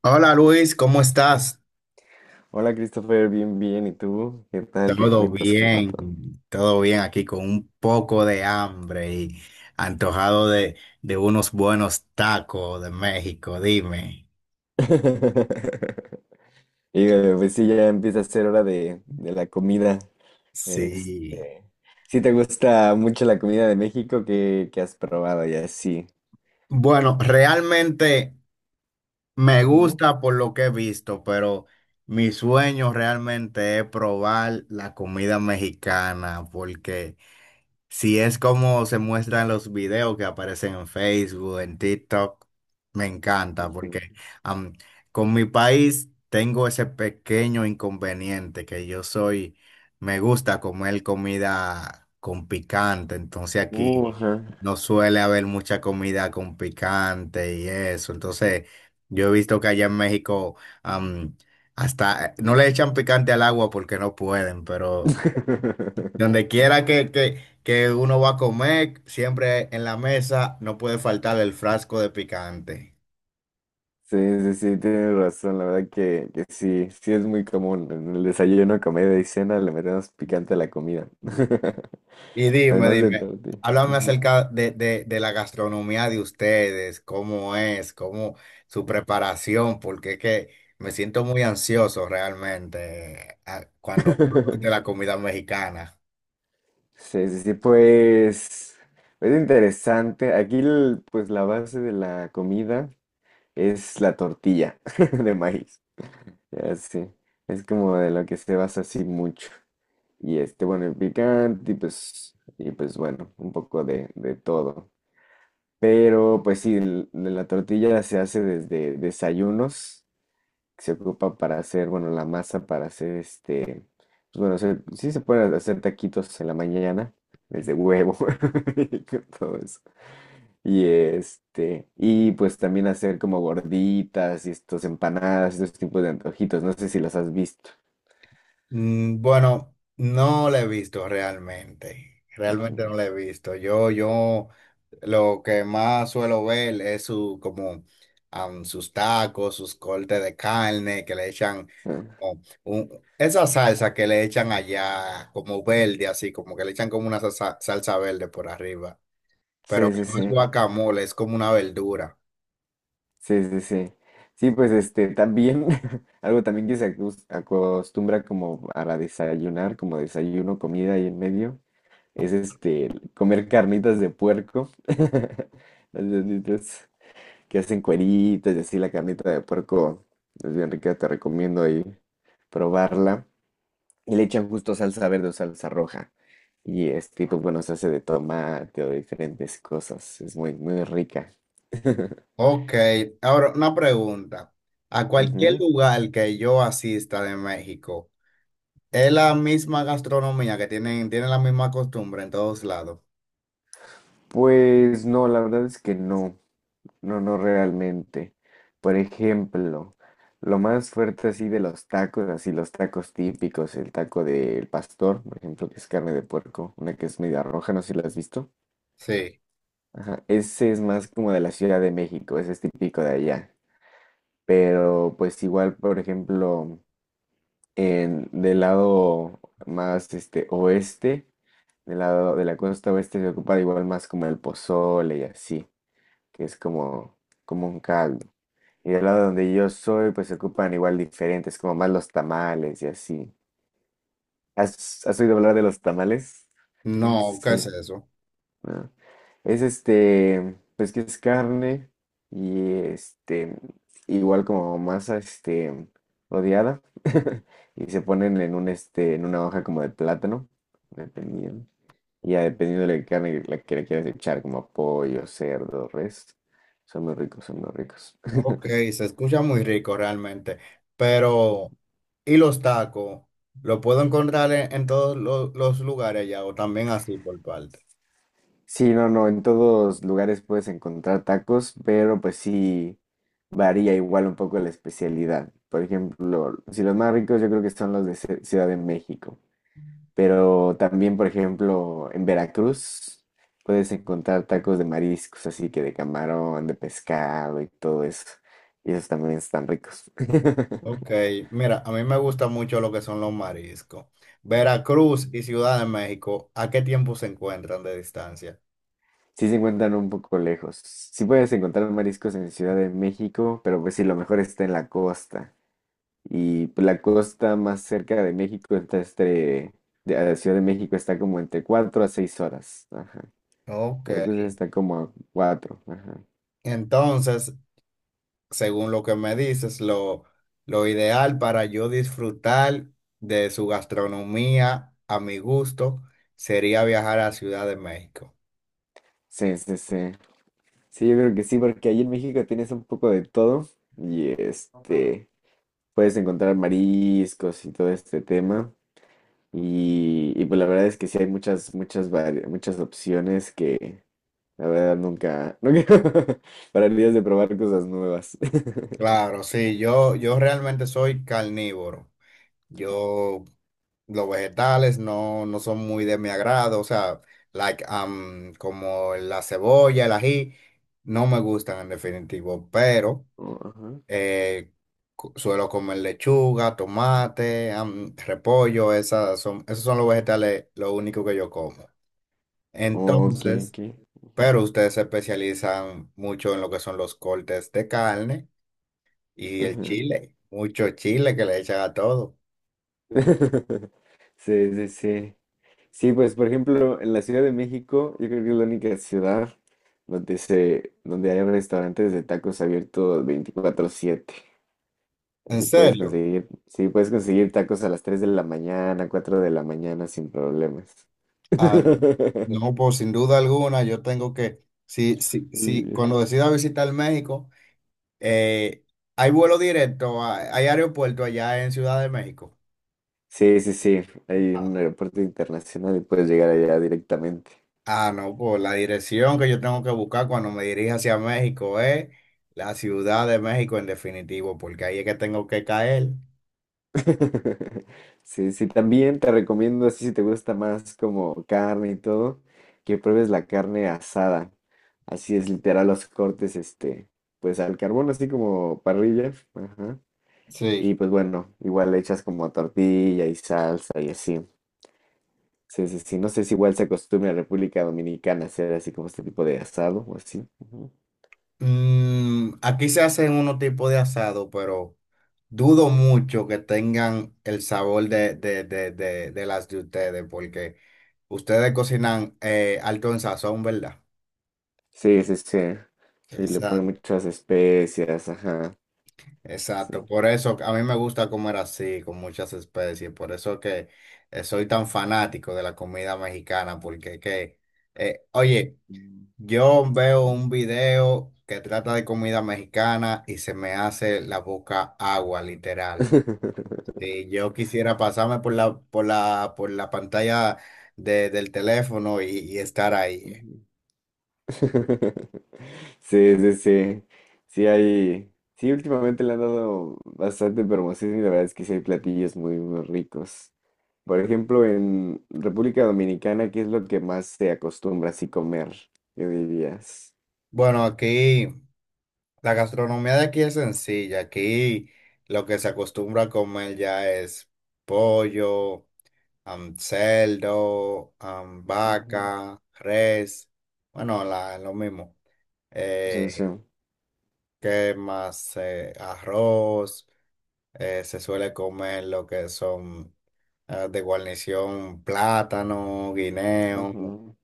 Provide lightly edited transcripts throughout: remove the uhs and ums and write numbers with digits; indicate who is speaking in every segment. Speaker 1: Hola Luis, ¿cómo estás?
Speaker 2: Hola Christopher, bien, bien. ¿Y tú? ¿Qué tal? ¿Qué
Speaker 1: Todo
Speaker 2: cuentas? ¿Cómo va
Speaker 1: bien,
Speaker 2: todo?
Speaker 1: todo bien aquí con un poco de hambre y antojado de unos buenos tacos de México, dime.
Speaker 2: Y pues sí, ya empieza a ser hora de la comida.
Speaker 1: Sí.
Speaker 2: Este, si te gusta mucho la comida de México, ¿qué has probado? Ya sí.
Speaker 1: Bueno, realmente me
Speaker 2: Ujú,
Speaker 1: gusta por lo que he visto, pero mi sueño realmente es probar la comida mexicana porque... Si es como se muestran los videos que aparecen en Facebook, en TikTok, me
Speaker 2: pues,
Speaker 1: encanta porque am, con mi país tengo ese pequeño inconveniente que yo soy, me gusta comer comida con picante, entonces aquí
Speaker 2: Ajá.
Speaker 1: no suele haber mucha comida con picante y eso, entonces yo he visto que allá en México am, hasta no le echan picante al agua porque no pueden, pero donde quiera que uno va a comer, siempre en la mesa no puede faltar el frasco de picante.
Speaker 2: Sí, sí, sí, tienes razón. La verdad que sí, sí es muy común. En el desayuno, comida y cena le metemos picante a la comida.
Speaker 1: Y dime,
Speaker 2: Además de
Speaker 1: dime,
Speaker 2: todo, sí.
Speaker 1: háblame
Speaker 2: Ujú.
Speaker 1: acerca de la gastronomía de ustedes, cómo es, cómo su preparación, porque es que me siento muy ansioso realmente cuando hablo de la comida mexicana.
Speaker 2: Sí, sí, sí, pues es interesante. Aquí, pues la base de la comida es la tortilla de maíz. Así, es como de lo que se basa así mucho. Y bueno, el picante y pues bueno, un poco de todo. Pero pues sí, de la tortilla se hace desde desayunos que se ocupa para hacer, bueno, la masa para hacer pues bueno, sí se pueden hacer taquitos en la mañana, desde huevo, y con todo eso. Y y pues también hacer como gorditas y estos empanadas, estos tipos de antojitos, no sé si los has visto.
Speaker 1: Mm, bueno, no la he visto realmente. Realmente no
Speaker 2: Ujú.
Speaker 1: la he visto. Yo lo que más suelo ver es su como sus tacos, sus cortes de carne que le echan
Speaker 2: Ah,
Speaker 1: esa salsa que le echan allá como verde, así como que le echan como una salsa, salsa verde por arriba, pero
Speaker 2: sí,
Speaker 1: que
Speaker 2: sí,
Speaker 1: no es
Speaker 2: sí,
Speaker 1: guacamole, es como una verdura.
Speaker 2: sí, sí, sí. Sí, pues también, algo también que se acostumbra como para desayunar, como desayuno, comida y en medio. Es comer carnitas de puerco. Las carnitas que hacen cueritas y así la carnita de puerco es bien rica, te recomiendo ahí probarla. Y le echan justo salsa verde o salsa roja. Y pues bueno, se hace de tomate o de diferentes cosas. Es muy, muy rica.
Speaker 1: Ok, ahora una pregunta. A cualquier
Speaker 2: Ujú.
Speaker 1: lugar que yo asista de México. Es la misma gastronomía que tienen, tienen la misma costumbre en todos lados.
Speaker 2: Pues no, la verdad es que no. No, no realmente. Por ejemplo, lo más fuerte así de los tacos, así los tacos típicos, el taco del pastor, por ejemplo, que es carne de puerco, una que es media roja, no sé si la has visto.
Speaker 1: Sí.
Speaker 2: Ajá, ese es más como de la Ciudad de México, ese es típico de allá. Pero pues igual, por ejemplo, del lado más oeste, del lado de la costa oeste se ocupa igual más como el pozole y así, que es como un caldo. Y del lado donde yo soy, pues se ocupan igual diferentes, como más los tamales y así. ¿Has oído hablar de los tamales?
Speaker 1: No, ¿qué es
Speaker 2: Sí,
Speaker 1: eso?
Speaker 2: ¿no? Es pues que es carne y igual como masa, odiada. Y se ponen en en una hoja como de plátano, dependiendo. Y ya dependiendo de la carne que le quieras echar, como pollo, cerdo, res. Son muy ricos, son muy ricos.
Speaker 1: Ok, se escucha muy rico realmente. Pero, ¿y los tacos? ¿Lo puedo encontrar en todos los lugares ya o también así por parte?
Speaker 2: Sí, no, no, en todos lugares puedes encontrar tacos, pero pues sí varía igual un poco la especialidad. Por ejemplo, si los más ricos yo creo que son los de Ciudad de México, pero también, por ejemplo, en Veracruz puedes encontrar tacos de mariscos, así que de camarón, de pescado y todo eso. Y esos también están ricos.
Speaker 1: Ok, mira, a mí me gusta mucho lo que son los mariscos. Veracruz y Ciudad de México, ¿a qué tiempo se encuentran de distancia?
Speaker 2: Sí se encuentran un poco lejos. Sí puedes encontrar mariscos en Ciudad de México, pero pues sí, lo mejor está en la costa. Y pues, la costa más cerca de México está de a la Ciudad de México está como entre 4 a 6 horas. Ajá.
Speaker 1: Ok.
Speaker 2: Veracruz está como a 4. Ajá.
Speaker 1: Entonces, según lo que me dices, lo ideal para yo disfrutar de su gastronomía a mi gusto sería viajar a Ciudad de México.
Speaker 2: Sí, sí, sí. Sí, yo creo que sí, porque ahí en México tienes un poco de todo y puedes encontrar mariscos y todo este tema. Y pues la verdad es que sí hay muchas, muchas, muchas opciones que la verdad nunca, nunca pararías de probar cosas nuevas.
Speaker 1: Claro, sí,
Speaker 2: Sí.
Speaker 1: yo realmente soy carnívoro. Yo, los vegetales no, no son muy de mi agrado, o sea, como la cebolla, el ají, no me gustan en definitivo, pero...
Speaker 2: Ajá.
Speaker 1: Eh, suelo comer lechuga, tomate, repollo, esos son los vegetales, lo único que yo como.
Speaker 2: Ok,
Speaker 1: Entonces,
Speaker 2: ok. Ujú,
Speaker 1: pero ustedes se especializan mucho en lo que son los cortes de carne y el
Speaker 2: ajá.
Speaker 1: chile, mucho chile que le echan a todo.
Speaker 2: Sí, sí, sí. Sí, pues por ejemplo, en la Ciudad de México, yo creo que es la única ciudad donde hay restaurantes de tacos abiertos 24/7.
Speaker 1: ¿En
Speaker 2: Así puedes
Speaker 1: serio?
Speaker 2: conseguir, sí, puedes conseguir tacos a las 3 de la mañana, 4 de la mañana sin problemas.
Speaker 1: Ah, no, no, pues sin duda alguna, yo tengo que, si cuando decida visitar México, eh, hay vuelo directo, hay hay aeropuerto allá en Ciudad de México.
Speaker 2: Sí, sí, sí. Hay
Speaker 1: Ah,
Speaker 2: un aeropuerto internacional y puedes llegar allá directamente.
Speaker 1: Ah, no, pues la dirección que yo tengo que buscar cuando me dirija hacia México es la Ciudad de México en definitivo, porque ahí es que tengo que caer.
Speaker 2: Sí, sí, también te recomiendo, así si te gusta más como carne y todo, que pruebes la carne asada. Así es, literal, los cortes, pues al carbón, así como parrilla. Ajá. Y
Speaker 1: Sí.
Speaker 2: pues bueno, igual le echas como tortilla y salsa y así. Sí, sí, sí. No sé si igual se acostumbra en República Dominicana hacer así como este tipo de asado o así. Ujú.
Speaker 1: Mm, aquí se hacen unos tipos de asado, pero dudo mucho que tengan el sabor de las de ustedes, porque ustedes cocinan alto en sazón, ¿verdad?
Speaker 2: Sí, sí, sí. Sí, le ponen
Speaker 1: Exacto.
Speaker 2: muchas especias, ajá. Sí.
Speaker 1: Exacto, por eso a mí me gusta comer así, con muchas especies, por eso que soy tan fanático de la comida mexicana, porque oye,
Speaker 2: Mm,
Speaker 1: yo veo
Speaker 2: sí.
Speaker 1: un video que trata de comida mexicana y se me hace la boca agua, literal. Si yo quisiera pasarme por la pantalla del teléfono y estar ahí.
Speaker 2: Ujú. Sí, sí, sí. Sí hay, sí, últimamente le han dado bastante promoción y la verdad es que sí hay platillos muy, muy ricos. Por ejemplo, en República Dominicana, ¿qué es lo que más se acostumbra así comer? ¿Qué dirías?
Speaker 1: Bueno, aquí. La gastronomía de aquí es sencilla. Aquí lo que se acostumbra a comer ya es pollo, cerdo,
Speaker 2: Ujú.
Speaker 1: vaca, res. Bueno, lo mismo.
Speaker 2: Sí, sí.
Speaker 1: Eh, ¿Qué más? Arroz. Eh, se suele comer lo que son de guarnición, plátano, guineo.
Speaker 2: Ujú.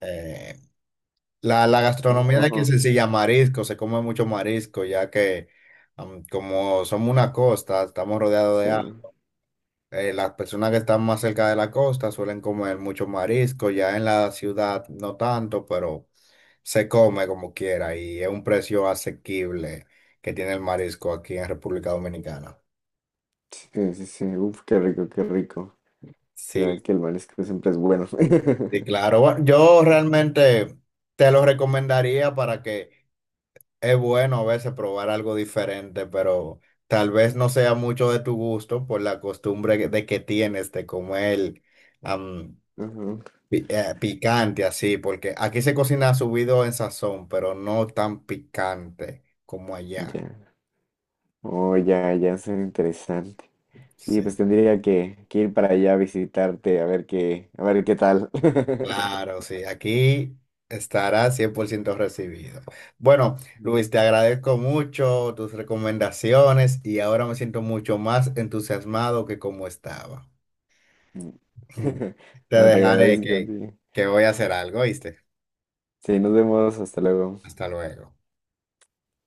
Speaker 1: Eh, la gastronomía de
Speaker 2: Ujú.
Speaker 1: aquí es sencilla, marisco, se come mucho marisco, ya que como somos una costa, estamos rodeados
Speaker 2: Sí,
Speaker 1: de agua. Eh, las personas que están más cerca de la costa suelen comer mucho marisco, ya en la ciudad no tanto, pero se come como quiera y es un precio asequible que tiene el marisco aquí en República Dominicana.
Speaker 2: sí, sí, sí. Uf, qué rico, qué rico. Será
Speaker 1: Sí,
Speaker 2: que el marisco siempre es bueno.
Speaker 1: sí, claro. Bueno, yo realmente te lo recomendaría para que es bueno a veces probar algo diferente, pero tal vez no sea mucho de tu gusto por la costumbre de que tienes de comer am,
Speaker 2: Ujú.
Speaker 1: picante así, porque aquí se cocina subido en sazón, pero no tan picante como allá.
Speaker 2: Ya. Oh, ya, ya, suena interesante. Sí,
Speaker 1: Sí.
Speaker 2: pues tendría que ir para allá a visitarte, a ver qué tal.
Speaker 1: Claro, sí, aquí estará 100% recibido. Bueno, Luis, te agradezco mucho tus recomendaciones y ahora me siento mucho más entusiasmado que como estaba.
Speaker 2: Mm.
Speaker 1: Te
Speaker 2: No, te
Speaker 1: dejaré
Speaker 2: agradezco, sí.
Speaker 1: que voy a hacer algo, ¿viste?
Speaker 2: Sí, nos vemos, hasta luego.
Speaker 1: Hasta luego.